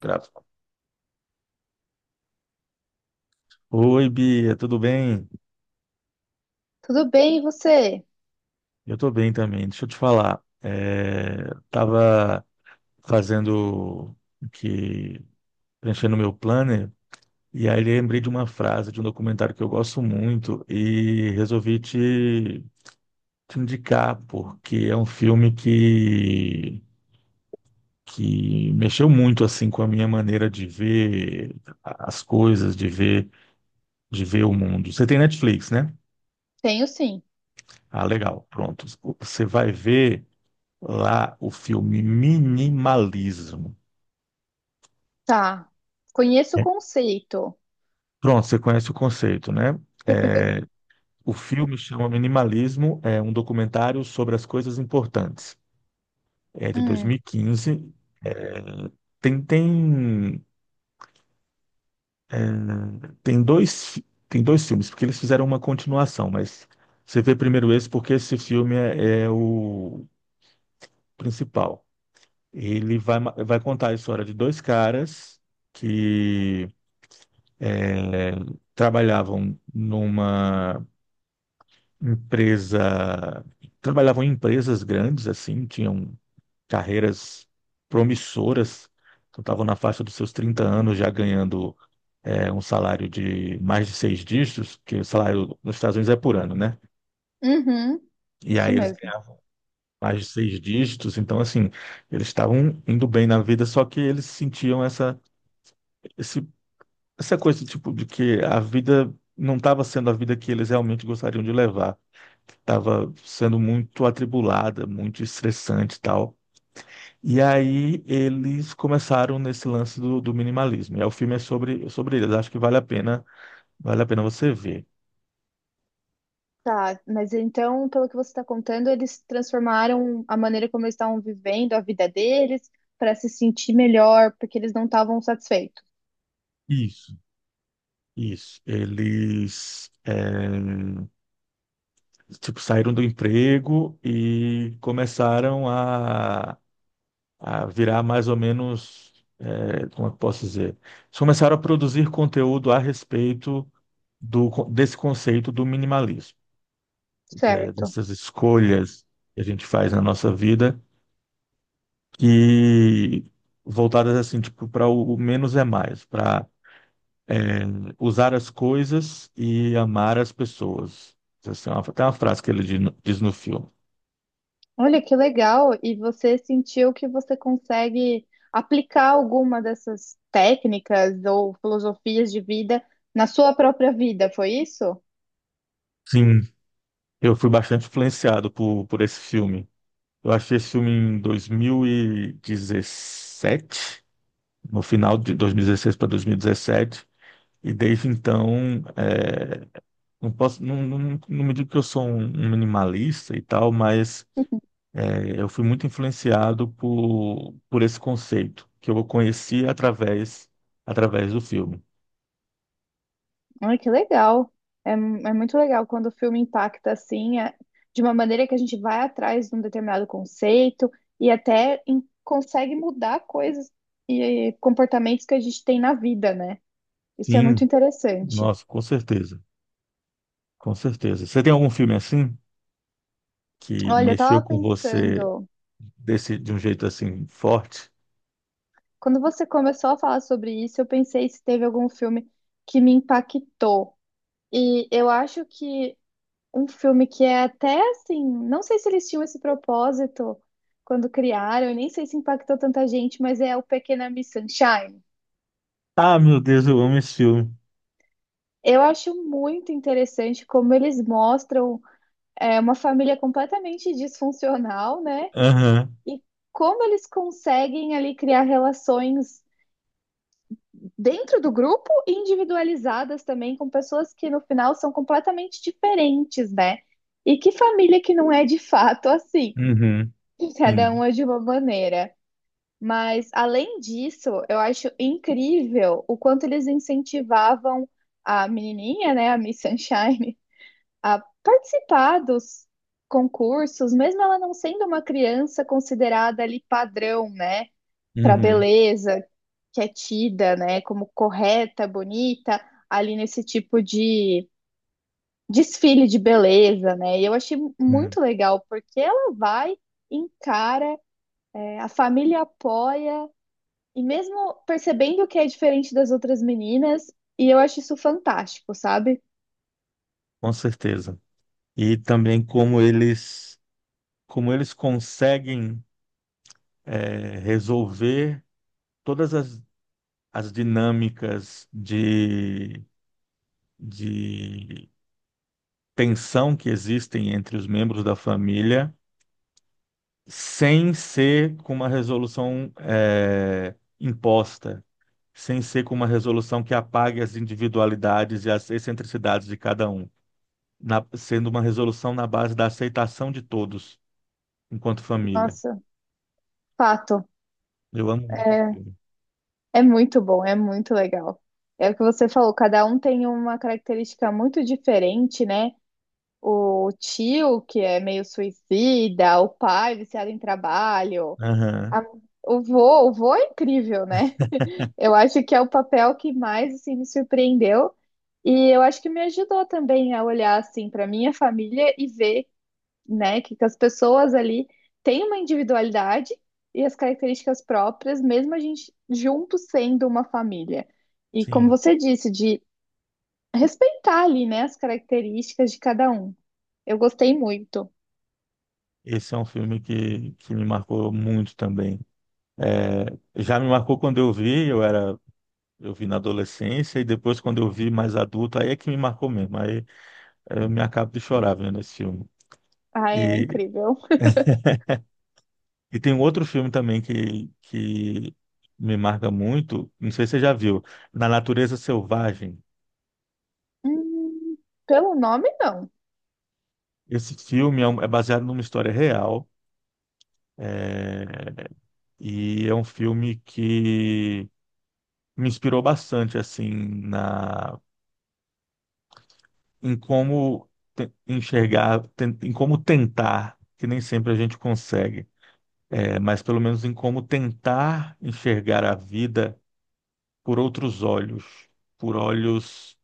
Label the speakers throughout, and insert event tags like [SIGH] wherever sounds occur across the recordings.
Speaker 1: Grava. Oi, Bia, tudo bem?
Speaker 2: Tudo bem, e você?
Speaker 1: Eu tô bem também. Deixa eu te falar. Tava fazendo o que preenchendo meu planner e aí lembrei de uma frase de um documentário que eu gosto muito e resolvi te indicar porque é um filme que mexeu muito assim com a minha maneira de ver as coisas, de ver o mundo. Você tem Netflix, né?
Speaker 2: Tenho sim.
Speaker 1: Ah, legal. Pronto. Você vai ver lá o filme Minimalismo.
Speaker 2: Tá. Conheço o
Speaker 1: É,
Speaker 2: conceito.
Speaker 1: pronto, você conhece o conceito, né? É,
Speaker 2: [LAUGHS]
Speaker 1: o filme chama Minimalismo, é um documentário sobre as coisas importantes. É de
Speaker 2: Hum,
Speaker 1: 2015. Tem, tem, tem tem dois filmes, porque eles fizeram uma continuação, mas você vê primeiro esse, porque esse filme é o principal. Ele vai, vai contar a história de dois caras que é, trabalhavam numa empresa, trabalhavam em empresas grandes, assim, tinham carreiras promissoras, então estavam na faixa dos seus 30 anos já ganhando um salário de mais de seis dígitos, que o salário nos Estados Unidos é por ano, né?
Speaker 2: uhum,
Speaker 1: E
Speaker 2: isso
Speaker 1: aí eles
Speaker 2: mesmo.
Speaker 1: ganhavam mais de seis dígitos, então assim, eles estavam indo bem na vida, só que eles sentiam esse essa coisa tipo de que a vida não estava sendo a vida que eles realmente gostariam de levar, estava sendo muito atribulada, muito estressante e tal. E aí eles começaram nesse lance do minimalismo. E aí o filme é sobre eles. Acho que vale a pena você ver.
Speaker 2: Tá, mas então, pelo que você está contando, eles transformaram a maneira como eles estavam vivendo a vida deles para se sentir melhor, porque eles não estavam satisfeitos.
Speaker 1: Isso, isso. Tipo saíram do emprego e começaram a virar mais ou menos, é, como é que eu posso dizer? Eles começaram a produzir conteúdo a respeito desse conceito do minimalismo,
Speaker 2: Certo.
Speaker 1: dessas escolhas que a gente faz na nossa vida, que voltadas assim, tipo, para o menos é mais, para usar as coisas e amar as pessoas. Essa é uma, tem uma frase que ele diz no filme.
Speaker 2: Olha que legal! E você sentiu que você consegue aplicar alguma dessas técnicas ou filosofias de vida na sua própria vida, foi isso?
Speaker 1: Sim, eu fui bastante influenciado por esse filme. Eu achei esse filme em 2017, no final de 2016 para 2017. E dezessete. E desde então, é, não posso, não, não, não me digo que eu sou um minimalista e tal, mas é, eu fui muito influenciado por esse conceito que eu conheci através, através do filme.
Speaker 2: Ai, que legal. É, é muito legal quando o filme impacta assim, de uma maneira que a gente vai atrás de um determinado conceito e até consegue mudar coisas e comportamentos que a gente tem na vida, né? Isso é muito
Speaker 1: Sim,
Speaker 2: interessante.
Speaker 1: nossa, com certeza, com certeza. Você tem algum filme assim que
Speaker 2: Olha, eu
Speaker 1: mexeu
Speaker 2: tava
Speaker 1: com você
Speaker 2: pensando,
Speaker 1: desse, de um jeito assim forte?
Speaker 2: quando você começou a falar sobre isso, eu pensei se teve algum filme que me impactou. E eu acho que um filme que é até assim, não sei se eles tinham esse propósito quando criaram, e nem sei se impactou tanta gente, mas é o Pequena Miss Sunshine.
Speaker 1: Ah, meu Deus, eu amo esse filme.
Speaker 2: Eu acho muito interessante como eles mostram uma família completamente disfuncional, né?
Speaker 1: Aham,
Speaker 2: E como eles conseguem ali criar relações dentro do grupo e individualizadas também com pessoas que no final são completamente diferentes, né? E que família que não é de fato assim?
Speaker 1: uhum,
Speaker 2: [LAUGHS] Cada
Speaker 1: sim,
Speaker 2: uma de uma maneira. Mas, além disso, eu acho incrível o quanto eles incentivavam a menininha, né, a Miss Sunshine, a participar dos concursos, mesmo ela não sendo uma criança considerada ali padrão, né, para
Speaker 1: uhum,
Speaker 2: beleza, que é tida, né, como correta, bonita, ali nesse tipo de desfile de beleza, né? E eu achei
Speaker 1: uhum,
Speaker 2: muito legal, porque ela vai, encara, a família apoia e mesmo percebendo que é diferente das outras meninas, e eu acho isso fantástico, sabe?
Speaker 1: com certeza. E também como eles conseguem resolver todas as, as dinâmicas de tensão que existem entre os membros da família, sem ser com uma resolução imposta, sem ser com uma resolução que apague as individualidades e as excentricidades de cada um. Sendo uma resolução na base da aceitação de todos enquanto família.
Speaker 2: Nossa, fato.
Speaker 1: Eu amo muito esse
Speaker 2: É,
Speaker 1: filme.
Speaker 2: é muito bom, é muito legal. É o que você falou, cada um tem uma característica muito diferente, né? O tio, que é meio suicida, o pai viciado em trabalho,
Speaker 1: Aham,
Speaker 2: a- o vô é incrível, né? [LAUGHS] Eu acho que é o papel que mais assim, me surpreendeu. E eu acho que me ajudou também a olhar assim para minha família e ver né? Que as pessoas ali têm uma individualidade e as características próprias, mesmo a gente junto sendo uma família. E como
Speaker 1: sim.
Speaker 2: você disse, de respeitar ali, né, as características de cada um. Eu gostei muito.
Speaker 1: Esse é um filme que me marcou muito também. É, já me marcou quando eu vi, eu era, eu vi na adolescência, e depois quando eu vi mais adulto, aí é que me marcou mesmo. Aí eu me acabo de chorar vendo esse filme.
Speaker 2: Ah, é
Speaker 1: E,
Speaker 2: incrível.
Speaker 1: e tem um outro filme também que me marca muito, não sei se você já viu, Na Natureza Selvagem.
Speaker 2: Hum, pelo nome, não.
Speaker 1: Esse filme é é baseado numa história real. É, e é um filme que me inspirou bastante assim na em como enxergar, em como tentar, que nem sempre a gente consegue, é, mas pelo menos em como tentar enxergar a vida por outros olhos, por olhos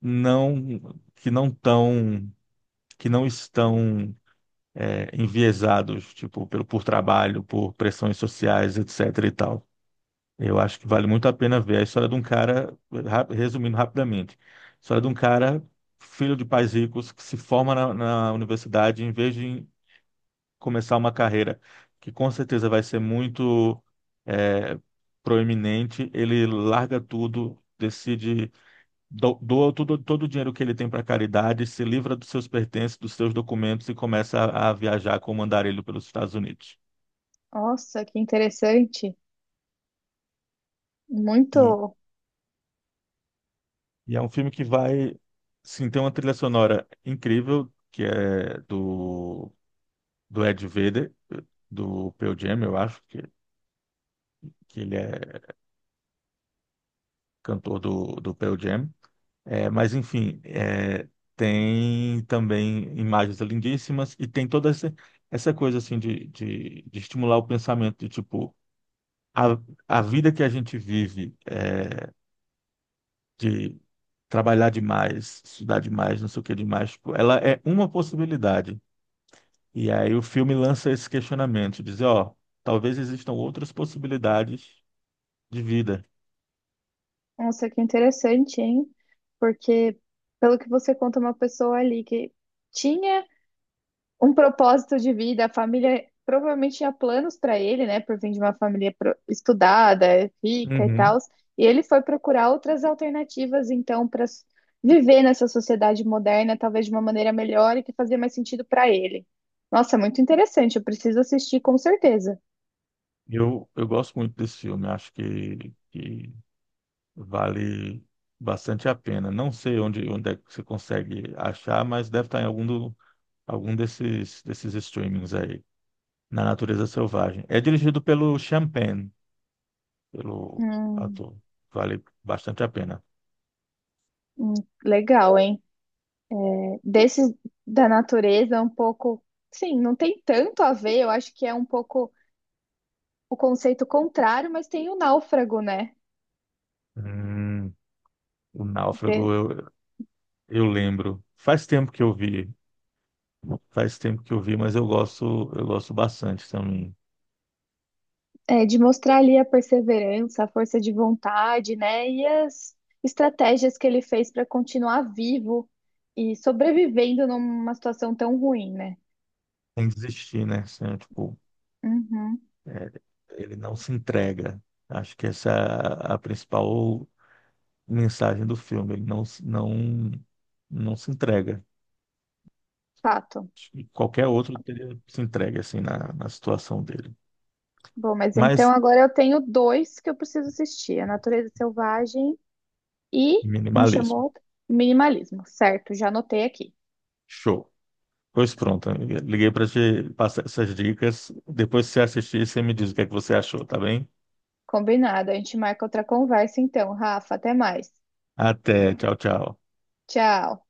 Speaker 1: não que não tão que não estão é, enviesados, tipo, por trabalho, por pressões sociais, etc e tal. Eu acho que vale muito a pena ver a história de um cara, resumindo rapidamente, a história de um cara, filho de pais ricos, que se forma na universidade, em vez de começar uma carreira que com certeza vai ser muito eh, proeminente, ele larga tudo, decide, doa tudo, todo o dinheiro que ele tem para caridade, se livra dos seus pertences, dos seus documentos e começa a viajar como andarilho pelos Estados Unidos.
Speaker 2: Nossa, que interessante.
Speaker 1: E,
Speaker 2: Muito.
Speaker 1: e é um filme que vai, sim, tem uma trilha sonora incrível, que é do Ed Vedder, do Pearl Jam, eu acho, que ele é cantor do Pearl Jam. É, mas, enfim, é, tem também imagens lindíssimas e tem toda essa coisa, assim, de estimular o pensamento, de, tipo, a, a vida que a gente vive, é, de trabalhar demais, estudar demais, não sei o que demais, tipo, ela é uma possibilidade. E aí o filme lança esse questionamento, dizer, ó, talvez existam outras possibilidades de vida.
Speaker 2: Nossa, que interessante, hein? Porque, pelo que você conta, uma pessoa ali que tinha um propósito de vida. A família provavelmente tinha planos para ele, né? Por vir de uma família estudada, rica e tal.
Speaker 1: Uhum.
Speaker 2: E ele foi procurar outras alternativas, então, para viver nessa sociedade moderna, talvez de uma maneira melhor e que fazia mais sentido para ele. Nossa, é muito interessante. Eu preciso assistir com certeza.
Speaker 1: Eu gosto muito desse filme, acho que vale bastante a pena. Não sei onde é que você consegue achar, mas deve estar em algum, algum desses, desses streamings aí, na Natureza Selvagem. É dirigido pelo Champagne, pelo
Speaker 2: Hum,
Speaker 1: ator. Vale bastante a pena.
Speaker 2: hum, legal, hein? Desses da natureza, um pouco. Sim, não tem tanto a ver. Eu acho que é um pouco o conceito contrário, mas tem o náufrago, né?
Speaker 1: Hum, o Náufrago, eu lembro. Faz tempo que eu vi, faz tempo que eu vi, mas eu gosto bastante também.
Speaker 2: É, de mostrar ali a perseverança, a força de vontade, né? E as estratégias que ele fez para continuar vivo e sobrevivendo numa situação tão ruim, né?
Speaker 1: Sem desistir, né? Assim, tipo,
Speaker 2: Uhum,
Speaker 1: é, ele não se entrega. Acho que essa é a principal mensagem do filme. Ele não, se- não, não se entrega.
Speaker 2: fato.
Speaker 1: Acho que qualquer outro teria se entregue assim na situação dele.
Speaker 2: Bom, mas então
Speaker 1: Mas
Speaker 2: agora eu tenho dois que eu preciso assistir: A Natureza Selvagem e, como
Speaker 1: minimalismo.
Speaker 2: chamou? Minimalismo. Certo, já anotei aqui.
Speaker 1: Show. Pois pronto, amiga. Liguei para te passar essas dicas. Depois que você assistir, você me diz o que é que você achou, tá bem?
Speaker 2: Combinado. A gente marca outra conversa então, Rafa. Até mais.
Speaker 1: Até. Tchau, tchau.
Speaker 2: Tchau.